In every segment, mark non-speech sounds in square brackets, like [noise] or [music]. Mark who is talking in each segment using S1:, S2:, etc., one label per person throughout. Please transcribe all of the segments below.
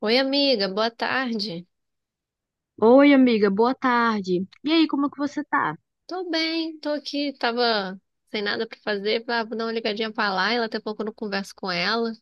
S1: Oi, amiga, boa tarde.
S2: Oi, amiga, boa tarde. E aí, como é que você tá?
S1: Tô bem, tô aqui, tava sem nada pra fazer, falei, ah, vou dar uma ligadinha pra Laila, até pouco eu não converso com ela,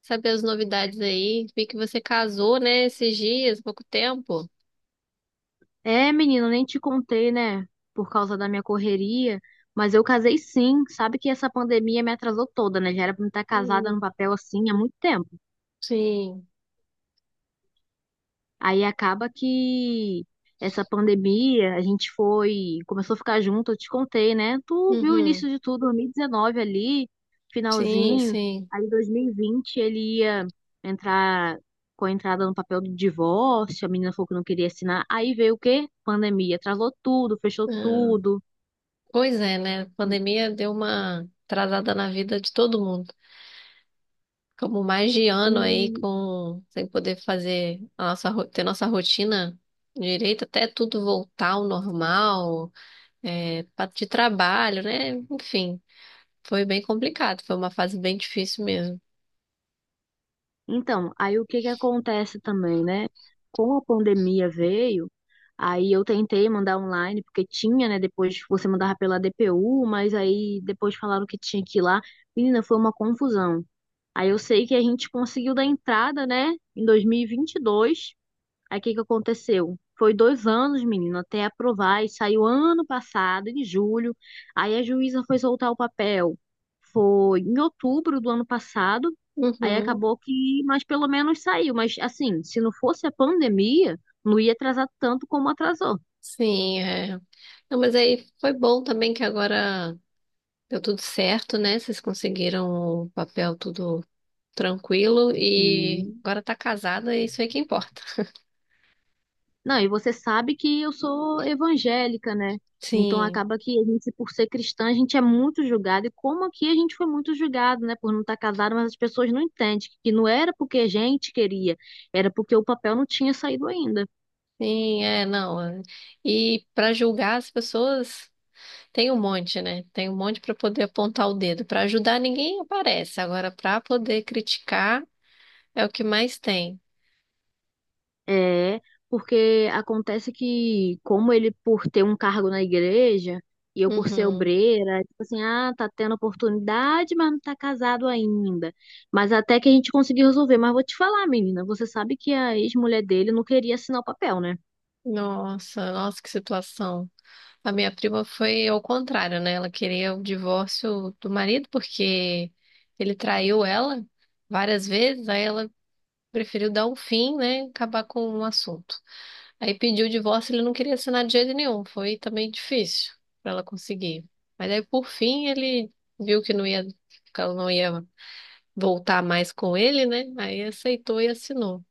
S1: saber as novidades aí. Vi que você casou, né, esses dias, pouco tempo.
S2: É, menina, nem te contei, né? Por causa da minha correria, mas eu casei sim. Sabe que essa pandemia me atrasou toda, né? Já era pra me estar casada no
S1: Hum,
S2: papel assim há muito tempo.
S1: sim.
S2: Aí acaba que essa pandemia, a gente foi, começou a ficar junto, eu te contei, né? Tu viu o
S1: Uhum.
S2: início de tudo, 2019 ali,
S1: Sim,
S2: finalzinho.
S1: sim.
S2: Aí 2020 ele ia entrar com a entrada no papel do divórcio, a menina falou que não queria assinar. Aí veio o quê? Pandemia, atrasou tudo, fechou
S1: Ah,
S2: tudo.
S1: pois é, né, a pandemia deu uma atrasada na vida de todo mundo. Ficamos mais de ano aí
S2: E
S1: com sem poder fazer a nossa ter nossa rotina direito até tudo voltar ao normal. É, de trabalho, né? Enfim, foi bem complicado, foi uma fase bem difícil mesmo.
S2: então, aí o que que acontece também, né? Com a pandemia veio. Aí eu tentei mandar online, porque tinha, né? Depois você mandava pela DPU, mas aí depois falaram que tinha que ir lá. Menina, foi uma confusão. Aí eu sei que a gente conseguiu dar entrada, né? Em 2022. Aí o que que aconteceu? Foi 2 anos, menina, até aprovar. E saiu ano passado, em julho. Aí a juíza foi soltar o papel. Foi em outubro do ano passado. Aí
S1: Uhum,
S2: acabou que, mas pelo menos saiu. Mas assim, se não fosse a pandemia, não ia atrasar tanto como atrasou.
S1: sim, é. Não, mas aí foi bom também que agora deu tudo certo, né? Vocês conseguiram o papel tudo tranquilo
S2: Sim.
S1: e agora tá casada e isso aí que importa.
S2: Não, e você sabe que eu sou evangélica, né? Então
S1: Sim,
S2: acaba que a gente, por ser cristã, a gente é muito julgado. E como aqui a gente foi muito julgado, né? Por não estar casado, mas as pessoas não entendem que não era porque a gente queria, era porque o papel não tinha saído ainda.
S1: sim, é, não. É. E para julgar as pessoas tem um monte, né? Tem um monte para poder apontar o dedo. Para ajudar ninguém aparece. Agora, para poder criticar. É o que mais tem.
S2: É, porque acontece que, como ele por ter um cargo na igreja, e eu por ser
S1: Uhum.
S2: obreira, tipo assim, ah, tá tendo oportunidade, mas não tá casado ainda. Mas até que a gente conseguiu resolver. Mas vou te falar, menina, você sabe que a ex-mulher dele não queria assinar o papel, né?
S1: Nossa, nossa, que situação. A minha prima foi ao contrário, né? Ela queria o divórcio do marido porque ele traiu ela várias vezes, aí ela preferiu dar um fim, né? Acabar com o assunto. Aí pediu o divórcio, ele não queria assinar de jeito nenhum. Foi também difícil para ela conseguir. Mas aí, por fim, ele viu que não ia, que ela não ia voltar mais com ele, né? Aí aceitou e assinou.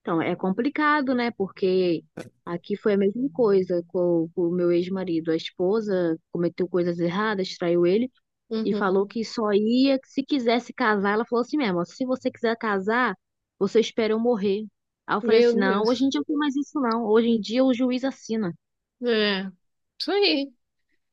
S2: Então é complicado, né? Porque aqui foi a mesma coisa com o meu ex-marido. A esposa cometeu coisas erradas, traiu ele. E falou
S1: Uhum.
S2: que só ia se quisesse casar. Ela falou assim mesmo: ó, se você quiser casar, você espera eu morrer. Aí eu falei assim:
S1: Meu
S2: não, hoje em
S1: Deus.
S2: dia não tem mais isso, não. Hoje em dia o juiz assina.
S1: É, isso aí.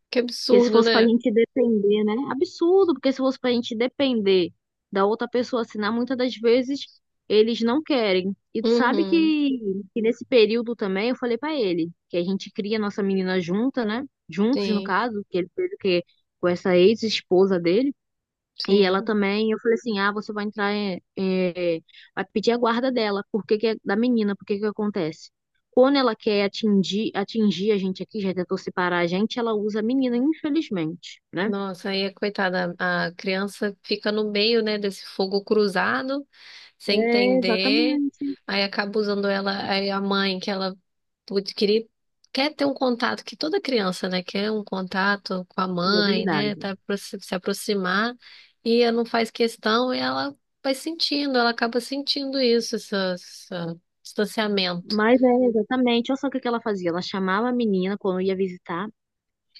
S1: Que
S2: Porque se
S1: absurdo,
S2: fosse pra
S1: né?
S2: gente depender, né? Absurdo, porque se fosse pra gente depender da outra pessoa assinar, muitas das vezes eles não querem. E tu sabe
S1: Uhum,
S2: que nesse período também eu falei pra ele que a gente cria nossa menina junta, né? Juntos, no
S1: sim,
S2: caso, que ele fez o quê? Com essa ex-esposa dele. E ela
S1: sim.
S2: também, eu falei assim, ah, você vai entrar, vai pedir a guarda dela, porque que é da menina, porque que acontece? Quando ela quer atingir a gente aqui, já tentou separar a gente, ela usa a menina, infelizmente, né?
S1: Nossa, aí, coitada, a criança fica no meio, né, desse fogo cruzado, sem
S2: É,
S1: entender.
S2: exatamente,
S1: Aí acaba usando ela, aí a mãe, que ela putz, queria, quer ter um contato, que toda criança, né, quer um contato com a
S2: é
S1: mãe, né,
S2: verdade.
S1: tá, se se aproximar, e ela não faz questão, e ela vai sentindo, ela acaba sentindo isso, esse distanciamento.
S2: Mas é, exatamente, olha só o que que ela fazia, ela chamava a menina quando ia visitar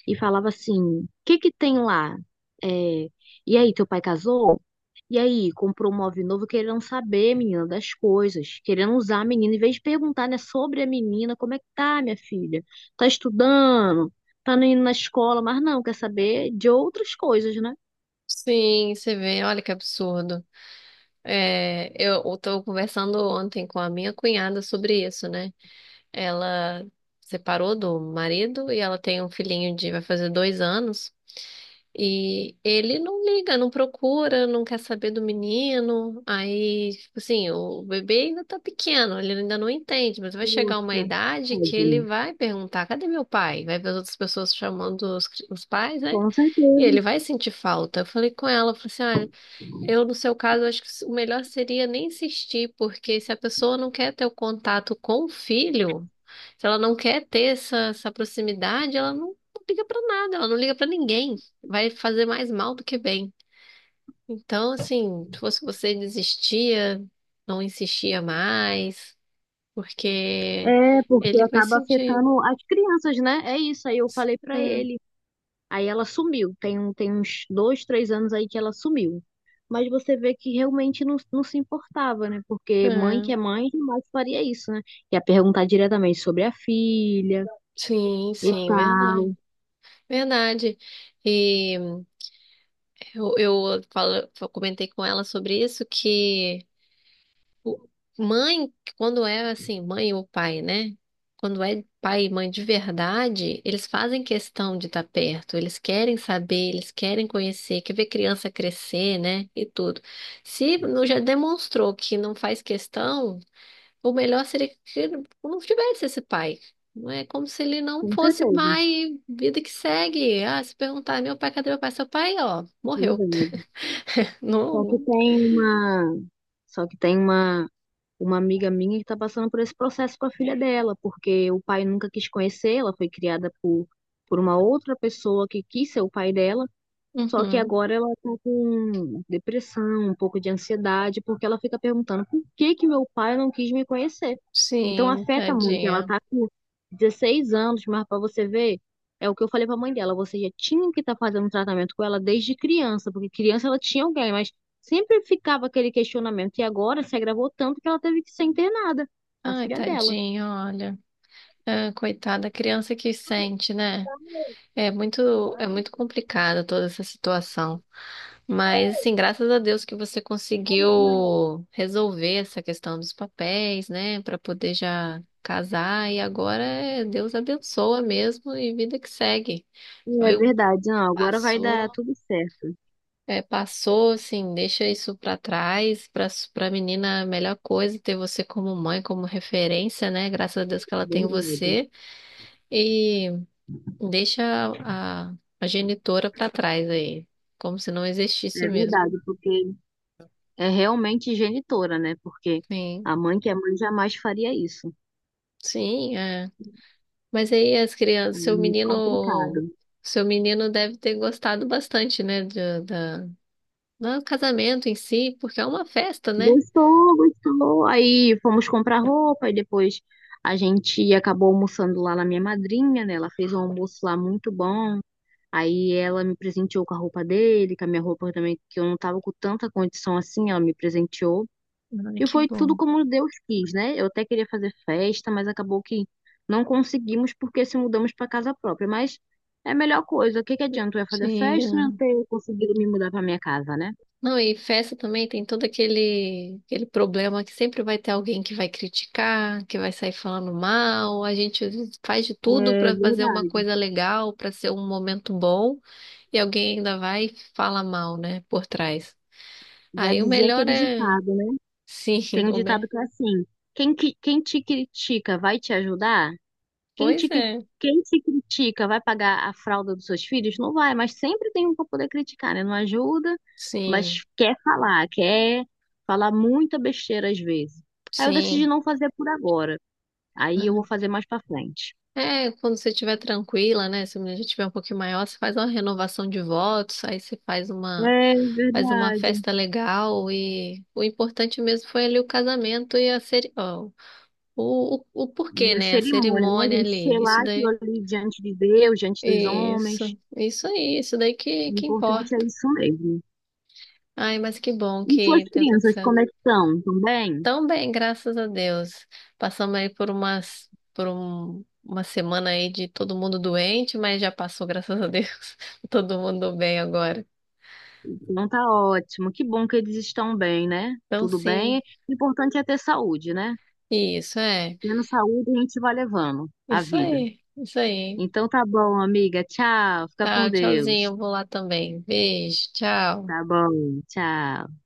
S2: e falava assim, o que que tem lá? É, e aí, teu pai casou? E aí, comprou um móvel novo querendo saber, menina, das coisas, querendo usar a menina, em vez de perguntar, né, sobre a menina, como é que tá, minha filha? Tá estudando? Tá não indo na escola? Mas não, quer saber de outras coisas, né?
S1: Sim, você vê, olha que absurdo. É, eu estou conversando ontem com a minha cunhada sobre isso, né? Ela separou do marido e ela tem um filhinho de, vai fazer 2 anos. E ele não liga, não procura, não quer saber do menino. Aí, tipo assim, o bebê ainda tá pequeno, ele ainda não entende, mas vai chegar uma
S2: Poxa,
S1: idade que ele
S2: tadinho.
S1: vai perguntar: cadê meu pai? Vai ver as outras pessoas chamando os pais, né?
S2: Com
S1: E ele
S2: certeza.
S1: vai sentir falta. Eu falei com ela, eu falei assim: eu, no seu caso, acho que o melhor seria nem insistir, porque se a pessoa não quer ter o contato com o filho, se ela não quer ter essa proximidade, ela não liga pra nada, ela não liga pra ninguém. Vai fazer mais mal do que bem. Então, assim, se fosse você, desistia, não insistia mais, porque
S2: É, porque
S1: ele vai
S2: acaba
S1: sentir.
S2: afetando as crianças, né? É isso, aí eu falei pra
S1: Ah,
S2: ele. Aí ela sumiu. Tem uns 2, 3 anos aí que ela sumiu. Mas você vê que realmente não, não se importava, né? Porque mãe
S1: ah,
S2: que é mãe jamais faria isso, né? Ia perguntar diretamente sobre a filha
S1: sim,
S2: e
S1: sim,
S2: tal.
S1: verdade. Verdade. E. Eu eu comentei com ela sobre isso, que o- mãe, quando é assim, mãe ou pai, né? Quando é pai e mãe de verdade, eles fazem questão de estar perto, eles querem saber, eles querem conhecer, quer ver criança crescer, né? E tudo. Se não- Já demonstrou que não faz questão, o melhor seria que não tivesse esse pai. Não é como se ele não
S2: Com
S1: fosse
S2: certeza,
S1: pai, vida que segue. Ah, se perguntar, meu pai, cadê meu pai? Seu pai, ó, morreu.
S2: verdade.
S1: [laughs]
S2: Só que
S1: Não.
S2: tem uma, só que tem uma amiga minha que tá passando por esse processo com a filha dela, porque o pai nunca quis conhecer, ela foi criada por uma outra pessoa que quis ser o pai dela. Só que
S1: Uhum.
S2: agora ela tá com depressão, um pouco de ansiedade, porque ela fica perguntando por que que meu pai não quis me conhecer. Então
S1: Sim,
S2: afeta muito. Ela
S1: tadinha.
S2: tá com 16 anos, mas para você ver, é o que eu falei para a mãe dela, você já tinha que estar fazendo tratamento com ela desde criança, porque criança ela tinha alguém, mas sempre ficava aquele questionamento. E agora se agravou tanto que ela teve que ser internada, a
S1: Ai,
S2: filha dela.
S1: tadinha, olha. Ah, coitada, a criança que sente, né? É muito complicada toda essa situação. Mas, assim, graças a Deus que você conseguiu resolver essa questão dos papéis, né? Pra poder já casar. E agora é Deus abençoa mesmo e vida que segue.
S2: É
S1: Foi um
S2: verdade, não, agora vai dar
S1: Passou.
S2: tudo certo.
S1: É, passou, assim, deixa isso pra trás. Pra menina, a melhor coisa é ter você como mãe, como referência, né? Graças a Deus que ela tem
S2: Verdade.
S1: você. E deixa a, a genitora pra trás aí, como se não existisse
S2: É
S1: mesmo.
S2: verdade, porque é realmente genitora, né? Porque
S1: Sim,
S2: a mãe que é mãe jamais faria isso.
S1: sim, é. Mas aí as crianças,
S2: É
S1: seu
S2: muito complicado.
S1: menino, seu menino deve ter gostado bastante, né? Do casamento em si, porque é uma festa, né?
S2: Gostou, gostou. Aí fomos comprar roupa e depois a gente acabou almoçando lá na minha madrinha, né? Ela fez um almoço lá muito bom. Aí ela me presenteou com a roupa dele, com a minha roupa também, que eu não tava com tanta condição assim, ela me presenteou.
S1: Ai,
S2: E
S1: que
S2: foi tudo
S1: bom.
S2: como Deus quis, né? Eu até queria fazer festa, mas acabou que não conseguimos porque se mudamos para casa própria. Mas é a melhor coisa. O que que adianta eu ia fazer festa e não
S1: Sim.
S2: ter conseguido me mudar para minha casa, né?
S1: Não, e festa também tem todo aquele problema que sempre vai ter alguém que vai criticar, que vai sair falando mal. A gente faz de
S2: É
S1: tudo para fazer uma
S2: verdade.
S1: coisa legal, para ser um momento bom, e alguém ainda vai e fala mal, né, por trás.
S2: Já
S1: Aí o
S2: dizia
S1: melhor
S2: aquele
S1: é.
S2: ditado, né?
S1: Sim,
S2: Tem
S1: [laughs]
S2: um
S1: o me...
S2: ditado que é assim: quem te critica vai te ajudar? Quem te,
S1: pois
S2: cri-
S1: é.
S2: quem te critica vai pagar a fralda dos seus filhos? Não vai, mas sempre tem um para poder criticar, né? Não ajuda,
S1: Sim,
S2: mas quer falar muita besteira às vezes. Aí eu decidi
S1: sim.
S2: não fazer por agora. Aí eu vou fazer mais para frente.
S1: É, quando você estiver tranquila, né? Se a mulher já estiver um pouquinho maior, você faz uma renovação de votos, aí você faz uma
S2: É verdade.
S1: festa legal e o importante mesmo foi ali o casamento e a ó, o porquê,
S2: E a
S1: né? A
S2: cerimônia, né,
S1: cerimônia
S2: gente?
S1: ali, isso
S2: Selar aquilo
S1: daí,
S2: ali diante de Deus, diante dos homens.
S1: isso aí, isso daí
S2: O
S1: que
S2: importante é
S1: importa.
S2: isso mesmo.
S1: Ai, mas que bom
S2: E suas
S1: que deu tudo
S2: crianças,
S1: certo.
S2: como é que estão? Estão bem?
S1: Tão bem, graças a Deus. Passamos aí por umas, por um, uma semana aí de todo mundo doente, mas já passou, graças a Deus. [laughs] Todo mundo bem agora.
S2: Então tá ótimo. Que bom que eles estão bem, né?
S1: Então,
S2: Tudo
S1: sim,
S2: bem. O importante é ter saúde, né?
S1: isso é,
S2: Tendo saúde, a gente vai levando a
S1: isso
S2: vida.
S1: aí, isso aí.
S2: Então tá bom, amiga. Tchau. Fica com
S1: Tá, tchauzinho,
S2: Deus.
S1: eu vou lá também. Beijo, tchau.
S2: Tá bom. Tchau.